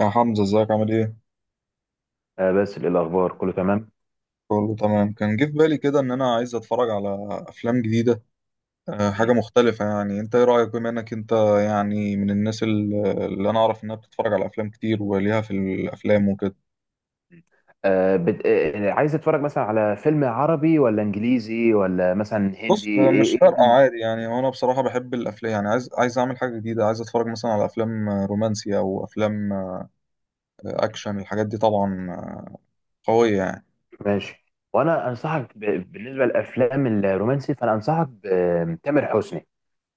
يا حمزة، ازيك؟ عامل ايه؟ آه بس الأخبار كله تمام. كله تمام. كان جه في بالي كده ان انا عايز اتفرج على افلام جديدة. حاجة مم. مختلفة، يعني انت ايه رأيك، بما انك انت يعني من الناس اللي انا اعرف انها بتتفرج على افلام كتير وليها في الافلام وكده. آه بت... آه عايز تتفرج مثلا على فيلم عربي ولا إنجليزي ولا مثلا هندي، بص، إيه مش إيه فارقة ال- عادي، يعني وانا بصراحة بحب الافلام، يعني عايز اعمل حاجة جديدة، عايز اتفرج مثلا على افلام رومانسية او افلام اكشن. الحاجات دي طبعا قوية يعني. ماشي. بالنسبة للأفلام الرومانسي فأنا أنصحك بتامر حسني.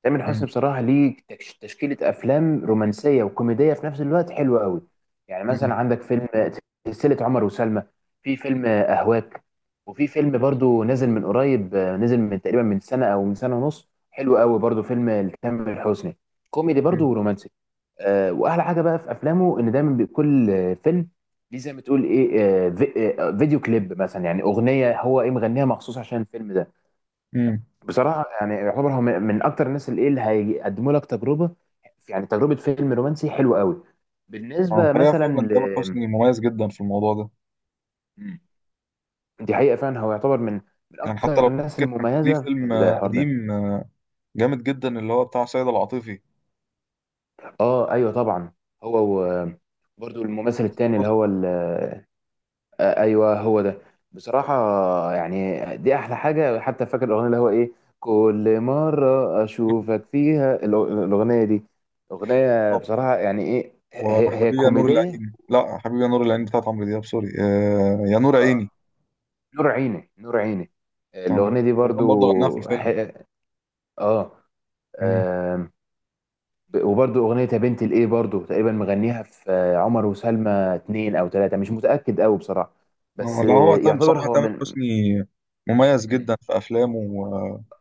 تامر مم. حسني بصراحه ليه تشكيله افلام رومانسيه وكوميديه في نفس الوقت حلوه قوي. يعني مم. مثلا عندك فيلم سلسله عمر وسلمى، في فيلم اهواك، وفي فيلم برضو نزل من قريب، نزل من تقريبا من سنه او من سنه ونص، حلو قوي برضو فيلم لتامر حسني، كوميدي برضو مم. ورومانسي. واحلى حاجه بقى في افلامه ان دايما بكل فيلم ليه زي ما تقول ايه فيديو كليب، مثلا يعني اغنيه هو ايه مغنيها مخصوص عشان الفيلم ده. مم. بصراحة يعني يعتبر هو من أكتر الناس اللي إيه، اللي هيقدموا لك تجربة، يعني تجربة فيلم رومانسي حلوة قوي. على بالنسبة الحقيقة مثلا فعلا تامر حسني مميز جدا في الموضوع ده. مم. دي حقيقة، فعلا هو يعتبر من يعني حتى أكتر لو الناس فاكر، كان ليه المميزة في فيلم الحوار ده. قديم جامد جدا، اللي هو بتاع سيد العاطفي. أه أيوه طبعا. هو و- برضو الممثل حسن التاني اللي حسني. هو. ايوه هو ده. بصراحه، يعني دي احلى حاجه. حتى فاكر الاغنيه اللي هو ايه، كل مره اشوفك فيها. الاغنيه دي اغنيه، طبعاً، بصراحه يعني ايه هي وحبيبي يا نور كوميديه. العين، لا، حبيبي يا نور العين بتاعت عمرو دياب، سوري، يا نور آه، عيني. نور عيني نور عيني، كان الاغنيه دي تقريبا برضو. برضه غناها في ح... الفيلم. اه مم. آم، ب- وبرضو اغنيه يا بنت الايه برضو تقريبا مغنيها في عمر وسلمى 2 او 3، مش متاكد قوي بصراحه. بس لا، هو آه، تم يعتبر بصراحة هو تامر من. حسني مميز جدا في أفلامه،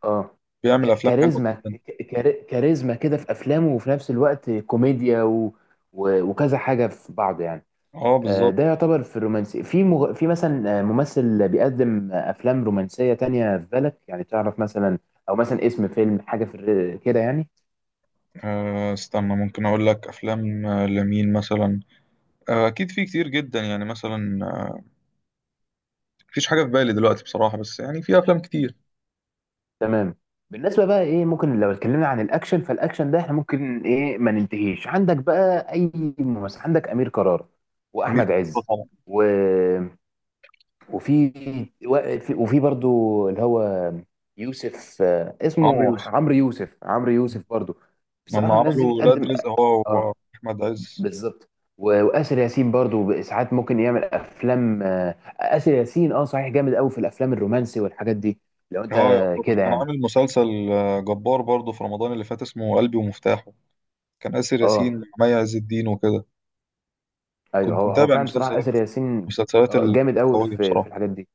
اه وبيعمل أفلام حلوة جدا. كاريزما كده في افلامه، وفي نفس الوقت كوميديا، وكذا حاجه في بعض يعني. اه، بالظبط. ده يعتبر في الرومانسي، في في مثلا ممثل بيقدم افلام رومانسيه تانية في بالك، يعني تعرف مثلا، او مثلا اسم فيلم حاجه في كده يعني. استنى، ممكن اقول لك افلام لمين مثلا. اكيد في كتير جدا، يعني مثلا مفيش حاجه في بالي دلوقتي بصراحه، بس يعني في افلام كتير. تمام. بالنسبه بقى ايه، ممكن لو اتكلمنا عن الاكشن، فالاكشن ده احنا ممكن ايه ما ننتهيش، عندك بقى اي ممثل. عندك امير كرارة، امير واحمد كرارة عز، طبعا. وفي وفي برضو اللي هو يوسف، عمرو اسمه يوسف. عمرو يوسف، عمرو يوسف برضو. لما بصراحة الناس دي عملوا ولاد بتقدم. رزق هو اه، واحمد عز. بالظبط. وآسر ياسين برضو ساعات ممكن يعمل افلام. آسر ياسين صحيح جامد قوي في الافلام الرومانسي والحاجات دي. لو انت اه، يعتبر كده كان يعني. عامل مسلسل جبار برضه في رمضان اللي فات، اسمه قلبي ومفتاحه. كان آسر ياسين اه مع مي عز الدين وكده. ايوه كنت هو هو متابع فعلا المسلسل بصراحة ده، آسر ياسين، المسلسلات جامد قوي القوية في بصراحة. الحاجات دي.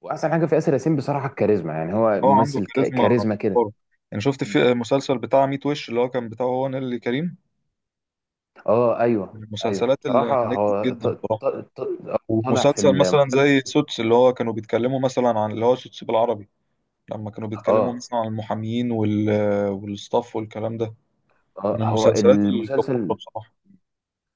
واحسن حاجة في آسر ياسين بصراحة الكاريزما، يعني هو هو عنده ممثل كاريزما كاريزما كده. جبارة. يعني شفت في مسلسل بتاع ميت وش، اللي هو كان بتاعه هو نيللي كريم، اه ايوه من ايوه، المسلسلات اللي بصراحه نجحت هو جدا بصراحة. ط- طالع في ومسلسل مثلا المسلسل. زي سوتس، اللي هو كانوا بيتكلموا مثلا عن اللي هو سوتس بالعربي، لما كانوا بيتكلموا اه، مثلا عن المحامين وال، والستاف والكلام ده، من هو المسلسلات الجبارة المسلسل بصراحة.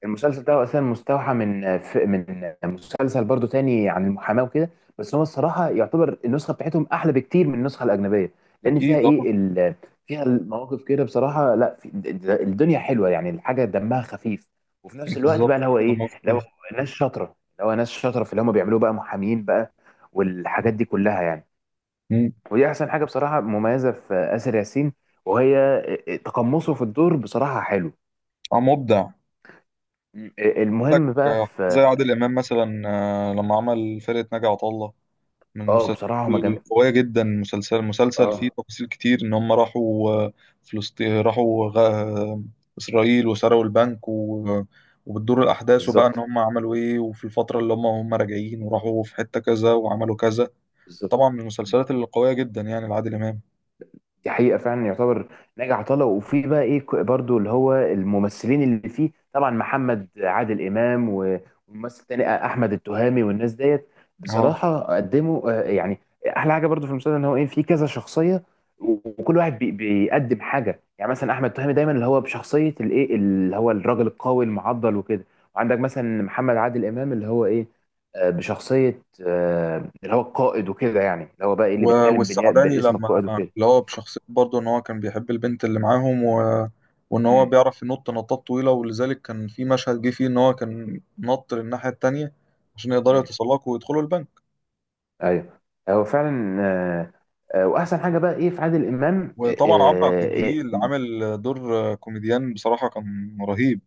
المسلسل ده هو اساسا مستوحى من مسلسل برضو تاني عن المحاماه وكده. بس هو الصراحه يعتبر النسخه بتاعتهم احلى بكتير من النسخه الاجنبيه، لان فيها أكيد أه. ايه فيها المواقف كده بصراحه. لا، الدنيا حلوه يعني، الحاجه دمها خفيف. وفي نفس الوقت بقى بالظبط اللي هو كده، ايه، ما اللي هو فيش. ناس شاطره اللي هو ناس شاطره في اللي هم بيعملوه بقى محامين بقى، والحاجات دي كلها يعني. مم. ودي احسن حاجه بصراحه مميزه في اسر ياسين، وهي تقمصه في الدور بصراحه حلو. مبدع. عندك المهم بقى زي في. عادل إمام مثلا، لما عمل فرقة ناجي عطا الله، من اه المسلسلات بصراحه هما القوية جدا. مسلسل فيه اه، تفاصيل كتير، إن هم راحوا فلسطين، راحوا إسرائيل وسرقوا البنك، و... وبتدور الأحداث وبقى إن بالظبط هم عملوا إيه، وفي الفترة اللي هم راجعين، وراحوا في حتة كذا وعملوا كذا. بالظبط. طبعا من المسلسلات اللي قوية جدا يعني لعادل إمام. دي حقيقة فعلا، يعتبر ناجي عطا الله، وفي بقى ايه برضو اللي هو الممثلين اللي فيه طبعا محمد عادل إمام، وممثل تاني أحمد التهامي والناس ديت. اه، بصراحة قدموا، يعني أحلى حاجة برضو في المسلسل، إن هو ايه فيه كذا شخصية. وكل واحد بيقدم حاجة، يعني مثلا أحمد التهامي دايما اللي هو بشخصية الايه، اللي هو الراجل القوي المعضل وكده. وعندك مثلا محمد عادل إمام اللي هو ايه، بشخصية اللي هو القائد وكده. يعني اللي هو بقى إيه، اللي بيتكلم والسعداني، باسم لما القائد وكده. اللي هو بشخصية برضه إن هو كان بيحب البنت اللي معاهم، و... وإن هو مم. بيعرف ينط نطات طويلة، ولذلك كان في مشهد جه فيه إن هو كان نط للناحية التانية عشان يقدروا مم. يتسلقوا ويدخلوا البنك. ايوه. هو فعلا، واحسن حاجه بقى ايه في عادل امام آه، وطبعا عمرو عبد آه، إيه، الجليل عامل دور كوميديان، بصراحة كان رهيب.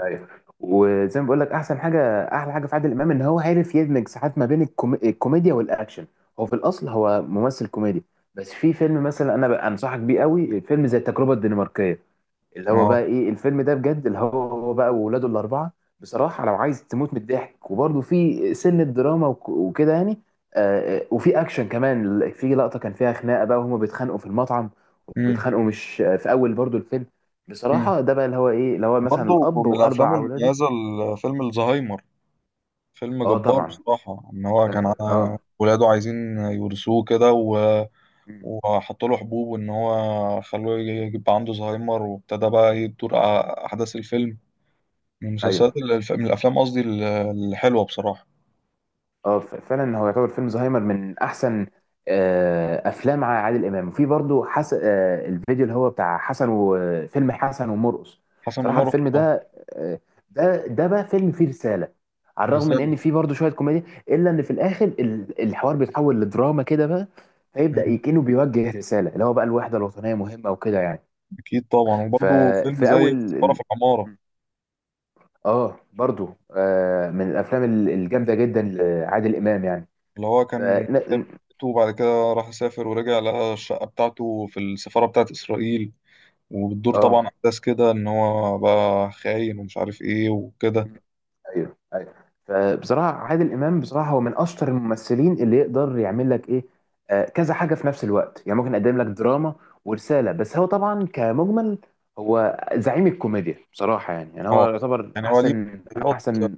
ايوه، وزي ما بقول لك احسن حاجه، احلى حاجه في عادل امام ان هو عارف يدمج ساعات ما بين الكوميديا والاكشن. هو في الاصل هو ممثل كوميدي. بس في فيلم مثلا انا بقى انصحك بيه قوي، فيلم زي التجربه الدنماركيه، اللي هو اه. بقى ايه الفيلم ده بجد، اللي هو بقى وولاده الاربعه. بصراحه لو عايز تموت من الضحك، وبرده في سنه دراما وكده يعني. وفي اكشن كمان، في لقطه كان فيها خناقه بقى وهما بيتخانقوا في المطعم. امم وبيتخانقوا مش في اول برضو الفيلم. امم بصراحه ده بقى اللي هو ايه، اللي هو مثلا وبرضه الاب من الأفلام واربع اولاده. المميزة فيلم الزهايمر، فيلم اه جبار طبعا. بصراحة. إن هو كان اه آه. ولاده عايزين يورثوه كده، و... مم. وحطوا له حبوب وإن هو خلوه يبقى عنده زهايمر، وابتدى بقى إيه تدور أحداث الفيلم، ايوه. من الأفلام قصدي الحلوة بصراحة. اه، فعلا هو يعتبر فيلم زهايمر من احسن افلام عادل امام. وفي برضو حس... آه، الفيديو اللي هو بتاع حسن، وفيلم حسن ومرقص. حسن بصراحه ومرة، الفيلم ده، آه، ده بقى فيلم فيه رساله، على الرغم من الرسالة. ان فيه برضو شويه كوميديا، الا ان في الاخر الحوار بيتحول لدراما كده بقى. فيبدا مم. يكنه بيوجه رساله اللي هو بقى الوحده الوطنيه مهمه وكده يعني. أكيد طبعا. وبرضه فيلم ففي اول زي سفارة ال- في العمارة، اه، برضو من الافلام الجامده جدا لعادل امام يعني. اللي هو كان، وبعد كده راح سافر ورجع لقى الشقة بتاعته في السفارة بتاعت إسرائيل، وبتدور طبعا اه، أحداث كده إن هو بقى خاين ومش عارف إيه وكده. ايوه ايوه. فبصراحه عادل امام بصراحه هو من اشطر الممثلين، اللي يقدر يعمل لك ايه كذا حاجه في نفس الوقت، يعني ممكن يقدم لك دراما ورساله، بس هو طبعا كمجمل هو زعيم الكوميديا بصراحه، يعني هو اه، يعتبر يعني هو ليه احسن مسرحيات احسن.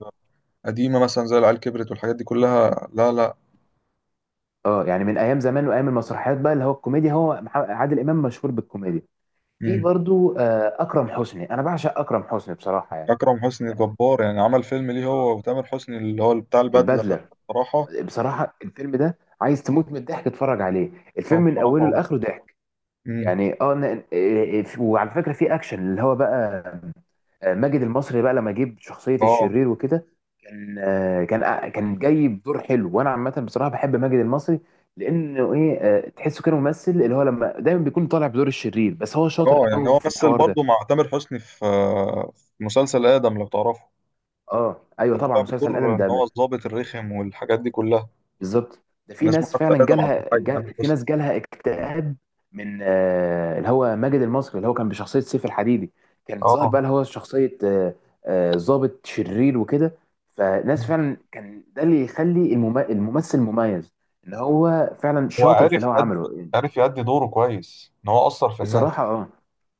قديمة مثلا زي العيال كبرت والحاجات دي كلها، لا لا. اه، يعني من ايام زمان وايام المسرحيات بقى، اللي هو الكوميديا، هو عادل امام مشهور بالكوميديا. في مم. برضو اكرم حسني، انا بعشق اكرم حسني بصراحه يعني. أكرم حسني جبار، يعني عمل فيلم ليه هو وتامر حسني اللي هو بتاع البدلة ده. البدله. بصراحة. بصراحة الفيلم ده عايز تموت من الضحك تتفرج عليه. اه، الفيلم من أوله بصراحة. لآخره ضحك. مم. يعني اه ن- إيه، إيه، وعلى فكرة، في أكشن اللي هو بقى ماجد المصري بقى، لما جيب شخصية اه، الشرير وكده. كان جاي بدور حلو. وأنا عامة بصراحة بحب ماجد المصري، لأنه إيه تحسه كده ممثل، اللي هو لما دايما بيكون طالع بدور الشرير، بس هو شاطر اه. يعني قوي هو في مثل الحوار ده. برضه مع تامر حسني في مسلسل آدم لو تعرفه. اه ايوه كان طبعا، طلع مسلسل بدور ادم إن هو ده. الضابط الرخم، والحاجات دي كلها. بالظبط. ده كان في اسمه ناس حتى فعلا آدم عبد الحي، تامر في حسني. ناس جالها اكتئاب من اللي هو ماجد المصري، اللي هو كان بشخصية سيف الحديدي. كان ظاهر اه. بقى اللي هو شخصية ضابط شرير وكده. مم. فناس فعلا كان ده اللي يخلي الممثل مميز، ان هو فعلا هو شاطر في اللي هو عمله. عرف يأدي دوره كويس، إن هو أثر في الناس. بصراحة،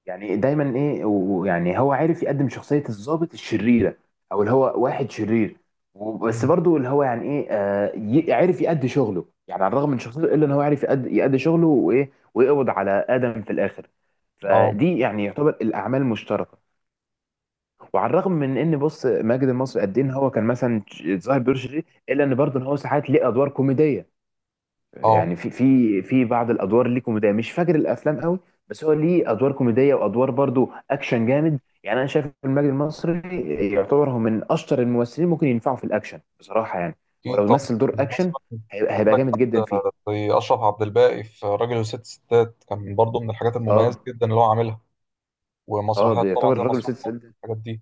يعني دايما ايه، ويعني هو عارف يقدم شخصية الضابط الشريرة، او اللي هو واحد شرير. بس مم. برضو اللي هو يعني ايه عارف يأدي شغله، يعني على الرغم من شخصيته الا ان هو عارف يأدي شغله وايه، ويقبض على آدم في الاخر. اه، فدي يعني يعتبر الاعمال المشتركة. وعلى الرغم من ان بص ماجد المصري قد ايه، ان هو كان مثلا ظاهر بدور شرير، الا ان برضه ان هو ساعات ليه ادوار كوميدية. اه، يعني في بعض الادوار اللي كوميديه، مش فاكر الافلام قوي. بس هو ليه ادوار كوميديه، وادوار برضو اكشن جامد. يعني انا شايف إن المجد المصري يعتبر هو من اشطر الممثلين، ممكن ينفعوا في الاكشن بصراحه يعني. هو اكيد لو طبعا. مثل دور اكشن، مثلا هيبقى عندك جامد جدا حد فيه. زي اشرف عبد الباقي في راجل وست ستات، كان برضو من الحاجات المميزه اه جدا اللي هو عاملها. اه، ومسرحيات بيعتبر طبعا زي الراجل وست مسرح مصر، ست الحاجات دي.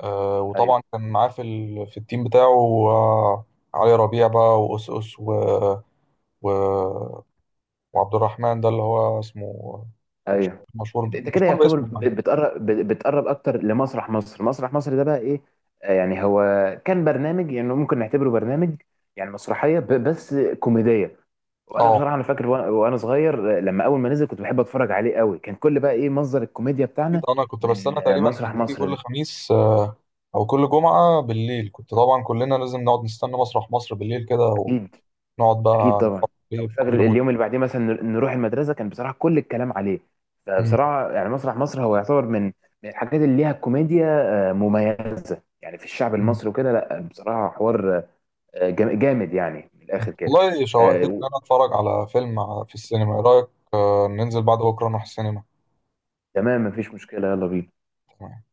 ايوه وطبعا كان معاه في في التيم بتاعه، علي ربيع بقى، وأس اس، و، و، وعبد الرحمن ده اللي هو اسمه ايوه. انت كده مشهور يعتبر باسمه يعني. بتقرب اكتر لمسرح مصر. مسرح مصر ده بقى ايه. يعني هو كان برنامج، يعني ممكن نعتبره برنامج، يعني مسرحيه بس كوميديه. وانا اه بصراحه انا فاكر، وأنا صغير، لما اول ما نزل كنت بحب اتفرج عليه قوي، كان كل بقى ايه مصدر الكوميديا بتاعنا اكيد، انا كنت بستنى. من تقريبا كان مسرح بيجي مصر كل ده. خميس او كل جمعه بالليل، كنت طبعا كلنا لازم نقعد نستنى مسرح مصر بالليل كده، اكيد. نقعد اكيد بقى طبعا. نتفرج عليه أبقى بكل فاكر متعة. اليوم اللي بعديه، مثلا نروح المدرسه، كان بصراحه كل الكلام عليه. مم. فبصراحه يعني مسرح مصر هو يعتبر من الحاجات اللي ليها كوميديا مميزه يعني في الشعب مم. المصري وكده. لا بصراحه حوار جامد يعني من الاخر كده. والله آه، شوقتني و- إن أنا أتفرج على فيلم في السينما، إيه رأيك؟ ننزل بعد بكرة نروح السينما. تمام، مفيش مشكله، يلا بينا. تمام.